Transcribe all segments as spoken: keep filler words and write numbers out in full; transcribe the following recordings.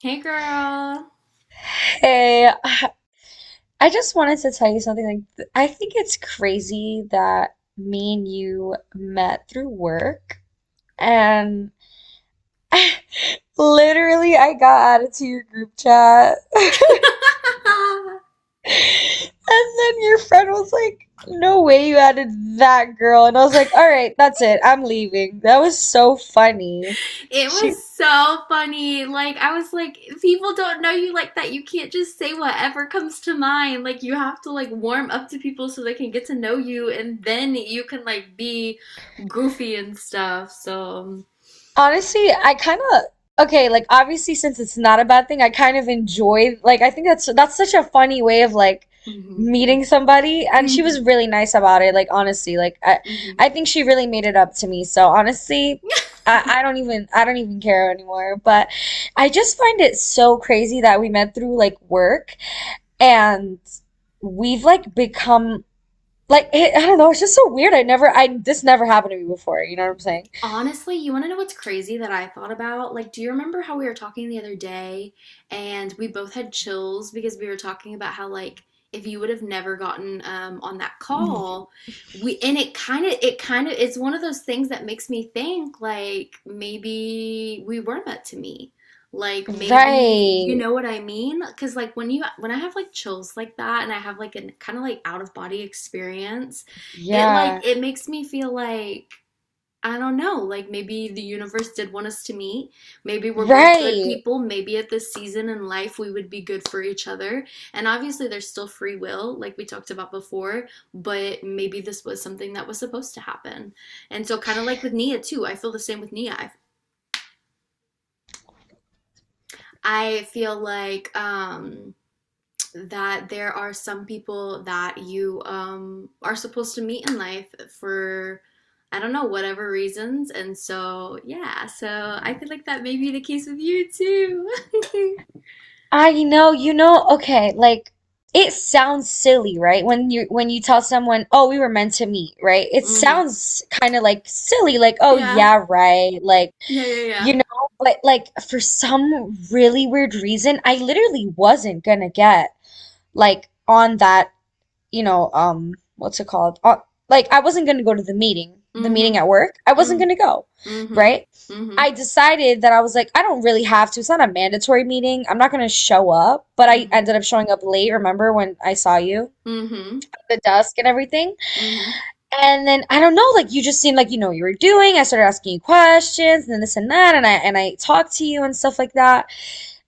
Hey girl. Hey, I I just wanted to tell you something. Like, th- I think it's crazy that me and you met through work, and literally, I got added to your group chat, and then your friend was like, "No way, you added that girl," and I was like, "All right, that's it. I'm leaving." That was so funny. it She was so funny. Like I was like, people don't know you like that. You can't just say whatever comes to mind. Like you have to like warm up to people so they can get to know you and then you can like be goofy and stuff. So Honestly, I kind of okay, like obviously since it's not a bad thing, I kind of enjoy like I think that's that's such a funny way of like mhm, mhm, meeting somebody and she mhm, was really nice about it, like honestly, like I mhm. I think she really made it up to me. So honestly, I I don't even I don't even care anymore, but I just find it so crazy that we met through like work and we've like become like it, I don't know, it's just so weird. I never I this never happened to me before, you know what I'm saying? Honestly, you want to know what's crazy that I thought about? Like, do you remember how we were talking the other day and we both had chills because we were talking about how, like, if you would have never gotten um on that call, we and it kind of it kind of it's one of those things that makes me think like maybe we were meant to meet. Like, maybe, you Right. know what I mean? Because like when you, when I have like chills like that and I have like a kind of like out of body experience, it, like, Yeah, it makes me feel like, I don't know. Like maybe the universe did want us to meet. Maybe we're both good right. people. Maybe at this season in life we would be good for each other. And obviously there's still free will like we talked about before, but maybe this was something that was supposed to happen. And so kind of like with Nia too. I feel the same with Nia. I, I feel like um that there are some people that you, um, are supposed to meet in life for, I don't know, whatever reasons, and so yeah, so I feel like that may be the case with you too. I know, you know, okay, like it sounds silly, right? When you when you tell someone, "Oh, we were meant to meet," right? It hmm. sounds kind of like silly, like, "Oh, Yeah, yeah, right." Like, yeah, yeah, you yeah. know, but like for some really weird reason, I literally wasn't gonna get like on that you know, um, what's it called? Uh, like I wasn't going to go to the meeting, the Mm-hmm. meeting at work. I wasn't Mm-hmm. going to go, Mm-hmm. right? Mm-hmm. I decided that I was like, I don't really have to. It's not a mandatory meeting. I'm not going to show up, but I ended up showing up late. Remember when I saw you? Mm-hmm. Mm-hmm. The dusk and everything. Mm-hmm. And then I don't know, like you just seemed like you know what you were doing. I started asking you questions and then this and that, and I and I talked to you and stuff like that.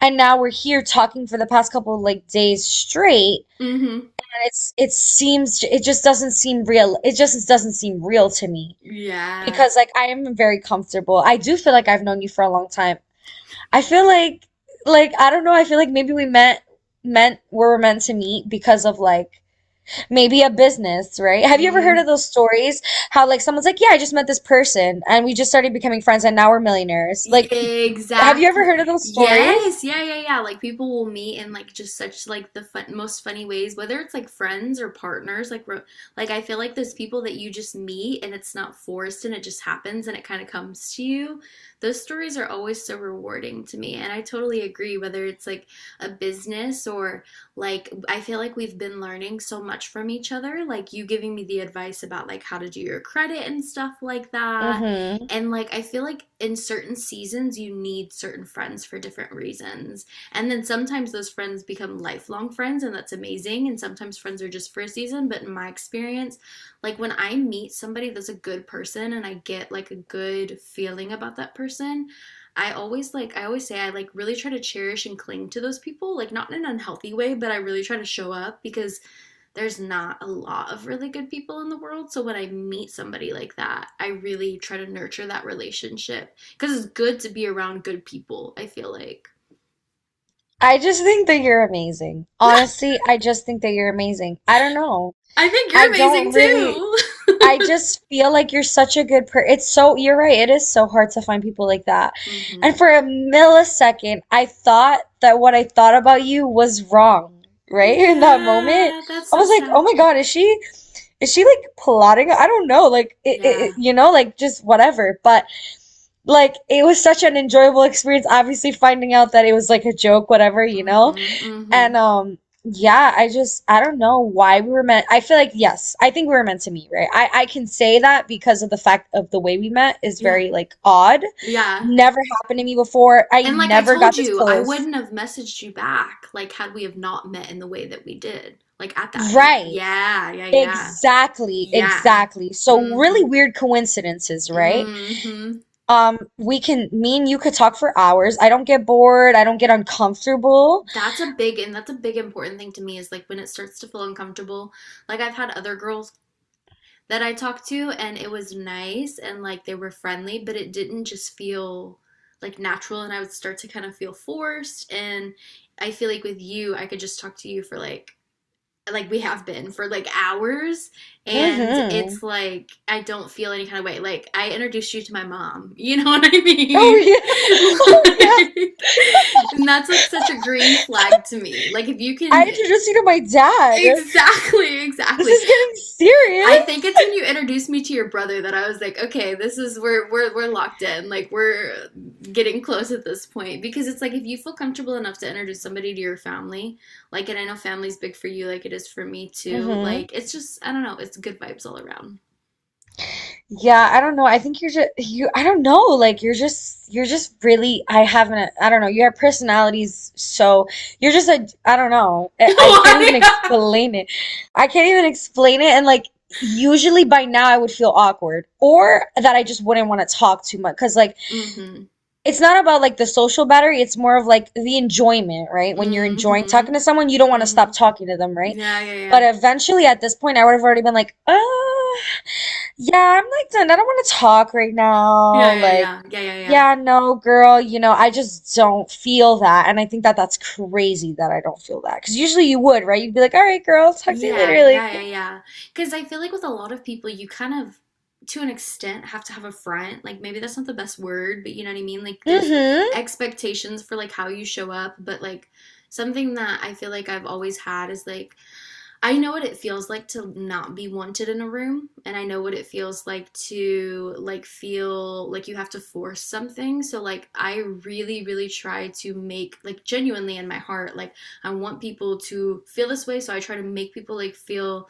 And now we're here talking for the past couple of, like, days straight. Mm-hmm. It's it seems it just doesn't seem real. It just doesn't seem real to me Yeah. because like I am very comfortable. I do feel like I've known you for a long time. I feel like, like I don't know, I feel like maybe we met meant we were meant to meet because of like maybe a business, right? Have you ever heard Mm-hmm. of those stories how like someone's like, "Yeah, I just met this person and we just started becoming friends and now we're millionaires." Like, have you ever heard of Exactly. those Yes. stories? Yeah, yeah, yeah. Like people will meet in like just such like the fun most funny ways, whether it's like friends or partners, like ro, like I feel like those people that you just meet and it's not forced and it just happens and it kind of comes to you. Those stories are always so rewarding to me. And I totally agree, whether it's like a business or like I feel like we've been learning so much from each other, like you giving me the advice about like how to do your credit and stuff like that, Mm-hmm. and like I feel like in certain seasons you need certain friends for different reasons. And then sometimes those friends become lifelong friends and that's amazing, and sometimes friends are just for a season, but in my experience, like when I meet somebody that's a good person and I get like a good feeling about that person, I always like I always say I like really try to cherish and cling to those people, like not in an unhealthy way, but I really try to show up because there's not a lot of really good people in the world. So when I meet somebody like that, I really try to nurture that relationship because it's good to be around good people, I feel like. I just think that you're amazing. Honestly, I just think that you're amazing. I don't know. I think I you're don't amazing really, too. I just feel like you're such a good person. It's so, you're right. It is so hard to find people like that. And hmm. for a millisecond, I thought that what I thought about you was wrong, right? In that moment, Yeah, that's I so was like, sad. oh my God, is she, is she like plotting? I don't know. Like, it, it- Yeah. you know, like just whatever. But like, it was such an enjoyable experience, obviously finding out that it was like a joke, whatever, you know? hmm hmm. And um yeah, I just I don't know why we were meant I feel like yes, I think we were meant to meet, right? I I can say that because of the fact of the way we met is Yeah. very like odd. Yeah. Never happened to me before. I And like I never got told this you, I close. wouldn't have messaged you back, like had we have not met in the way that we did, like at that meet. Right. Yeah, yeah, yeah. Exactly, Yeah. exactly. So really Mhm. weird coincidences, right? Mhm. Um we can, me and you could talk for hours. I don't get bored. I don't get uncomfortable. That's a big and that's a big important thing to me, is like when it starts to feel uncomfortable. Like I've had other girls that I talked to and it was nice and like they were friendly, but it didn't just feel like natural, and I would start to kind of feel forced. And I feel like with you I could just talk to you for like like we have been for like hours, and Mhm. it's like I don't feel any kind of way. Like I introduced you to my mom. You know what I Oh mean? yeah, yeah. Like and that's like such a green flag to me. Like if you I can, introduced you to my dad. exactly, This exactly. is getting I serious. think it's when you introduced me to your brother that I was like, okay, this is, we're we're we're locked in. Like we're getting close at this point, because it's like if you feel comfortable enough to introduce somebody to your family, like, and I know family's big for you like it is for me too. Hmm Like it's just, I don't know, it's good vibes all around. Yeah, I don't know. I think you're just you. I don't know. Like you're just you're just really. I haven't. I don't know. Your personality's so. You're just a. I don't know. I, I can't even Why? explain it. I can't even explain it. And like usually by now I would feel awkward or that I just wouldn't want to talk too much because like mhm. it's not about like the social battery, it's more of like the enjoyment, right? When you're enjoying talking Mhm. to someone, you don't want to stop Mhm. talking to them, right? Yeah, yeah, But yeah. eventually at this point I would have already been like, "Oh, yeah, I'm like done, I don't want to talk right Yeah, now," yeah, like, yeah. Yeah, yeah, yeah. yeah, no girl, you know I just don't feel that, and I think that that's crazy that I don't feel that because usually you would, right? You'd be like, "All right girl, talk to you Yeah, later," like, yeah, yeah, yeah. Because I feel like with a lot of people, you kind of, to an extent, have to have a front. Like maybe that's not the best word, but you know what I mean? Like there's mm-hmm, expectations for like how you show up, but like something that I feel like I've always had is like I know what it feels like to not be wanted in a room, and I know what it feels like to like feel like you have to force something. So like I really really try to make, like genuinely in my heart, like I want people to feel this way, so I try to make people like feel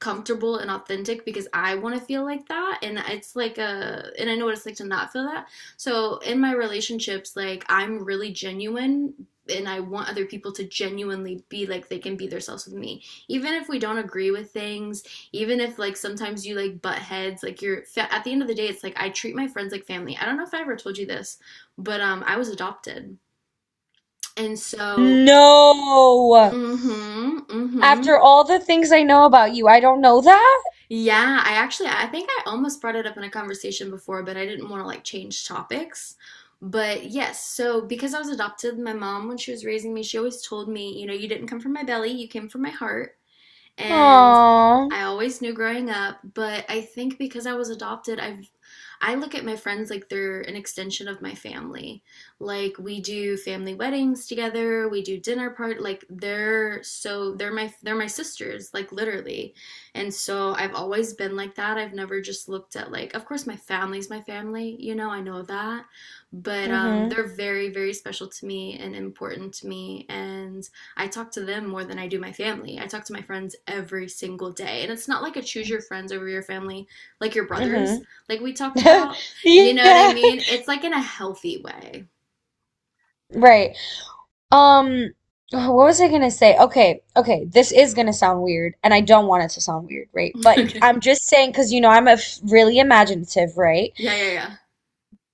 comfortable and authentic, because I want to feel like that, and it's like a, and I know what it's like to not feel that. So in my relationships, like I'm really genuine, and I want other people to genuinely be like they can be themselves with me. Even if we don't agree with things, even if like sometimes you like butt heads, like you're at the end of the day, it's like I treat my friends like family. I don't know if I ever told you this, but um I was adopted. And so no, mhm mhm. after all the things I know about you, I don't know that. Yeah, I actually I think I almost brought it up in a conversation before, but I didn't want to like change topics. But yes, so because I was adopted, my mom, when she was raising me, she always told me, you know, you didn't come from my belly, you came from my heart. And Aww. I always knew growing up, but I think because I was adopted, I've I look at my friends like they're an extension of my family. Like we do family weddings together, we do dinner part, like they're so, they're my, they're my sisters, like literally. And so I've always been like that. I've never just looked at, like of course my family's my family, you know, I know that, but um Mm-hmm. they're very very special to me and important to me, and I talk to them more than I do my family. I talk to my friends every single day. And it's not like a choose your friends over your family, like your brothers, Mm-hmm. like we talked about. You know what I Yeah. mean? It's like in a healthy way. Right. Um, what was I gonna say? Okay, okay, this is gonna sound weird, and I don't want it to sound weird, right? But Okay. I'm just saying, because you know, I'm a f really imaginative, right? Yeah, yeah,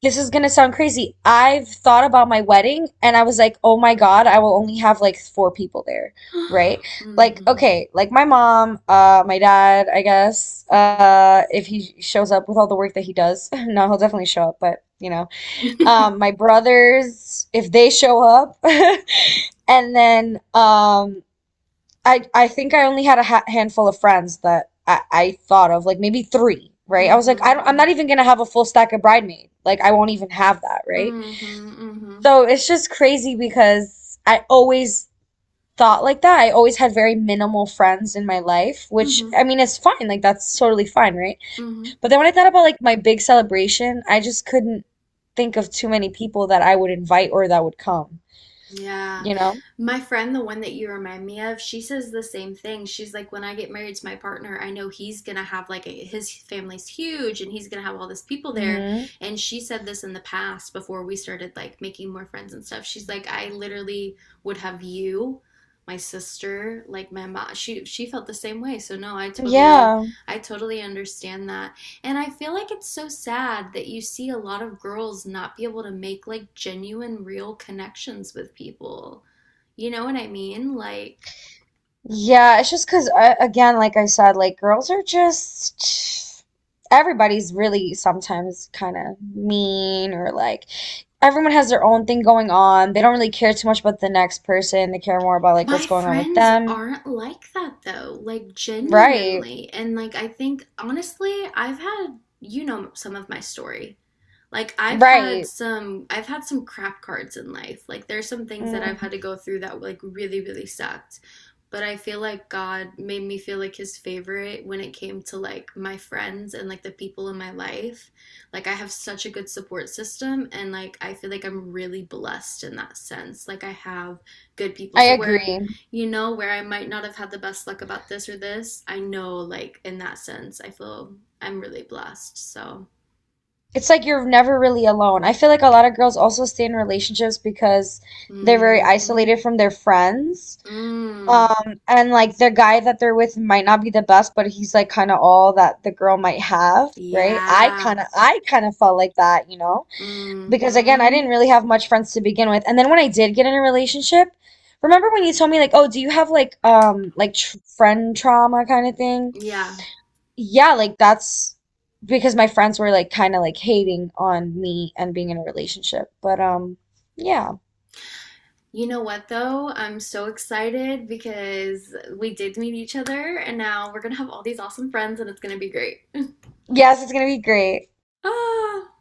This is gonna sound crazy. I've thought about my wedding, and I was like, oh my God, I will only have like four people there, yeah. right? Like, mm-hmm. okay, like my mom, uh, my dad, I guess, Mm-hmm. uh, if he shows up with all the work that he does. No, he'll definitely show up, but you know. Um, my brothers if they show up, and then um, I I think I only had a ha handful of friends that I, I thought of, like maybe three, right? I was like, I don't, I'm Mm-hmm. not even gonna have a full stack of bridemaid. Like I won't even have that, right? Mm-hmm. Mm-hmm. So it's just crazy because I always thought like that. I always had very minimal friends in my life, which Mm-hmm. I mean, it's fine. Like that's totally fine, right? Mm-hmm. But then when I thought about like my big celebration, I just couldn't think of too many people that I would invite or that would come, Yeah. you know? My friend, the one that you remind me of, she says the same thing. She's like, when I get married to my partner, I know he's gonna have like a, his family's huge and he's gonna have all this people there. Hmm And she said this in the past before we started like making more friends and stuff. She's like, I literally would have you, my sister, like my mom. She she felt the same way. So no, I totally Yeah. I totally understand that. And I feel like it's so sad that you see a lot of girls not be able to make like genuine, real connections with people. You know what I mean? Like, Yeah, it's just 'cause uh, again, like I said, like girls are just, everybody's really sometimes kind of mean, or like everyone has their own thing going on. They don't really care too much about the next person. They care more about like what's my going on with friends them. aren't like that though, like Right. genuinely. And like I think honestly, I've had, you know, some of my story. Like I've had Right. some I've had some crap cards in life. Like there's some things that I've Mm, had to go through that like really really sucked. But I feel like God made me feel like his favorite when it came to like my friends and like the people in my life. Like I have such a good support system, and like I feel like I'm really blessed in that sense. Like I have good people. I So where, agree. you know, where I might not have had the best luck about this or this, I know like in that sense I feel I'm really blessed. So It's like you're never really alone. I feel like a lot of girls also stay in relationships because they're very mm-hmm. isolated from their friends. Mm, Um, and like the guy that they're with might not be the best, but he's like kind of all that the girl might have, right? I yeah. kind of I kind of felt like that, you know? Because again, I Mm-hmm. didn't really have much friends to begin with. And then when I did get in a relationship, remember when you told me like, "Oh, do you have like um like tr friend trauma kind of thing?" Yeah. Yeah, like that's because my friends were like kind of like hating on me and being in a relationship. But um yeah. You know what though? I'm so excited because we did meet each other and now we're gonna have all these awesome friends and it's gonna be great. Yes, it's gonna be great. Ah.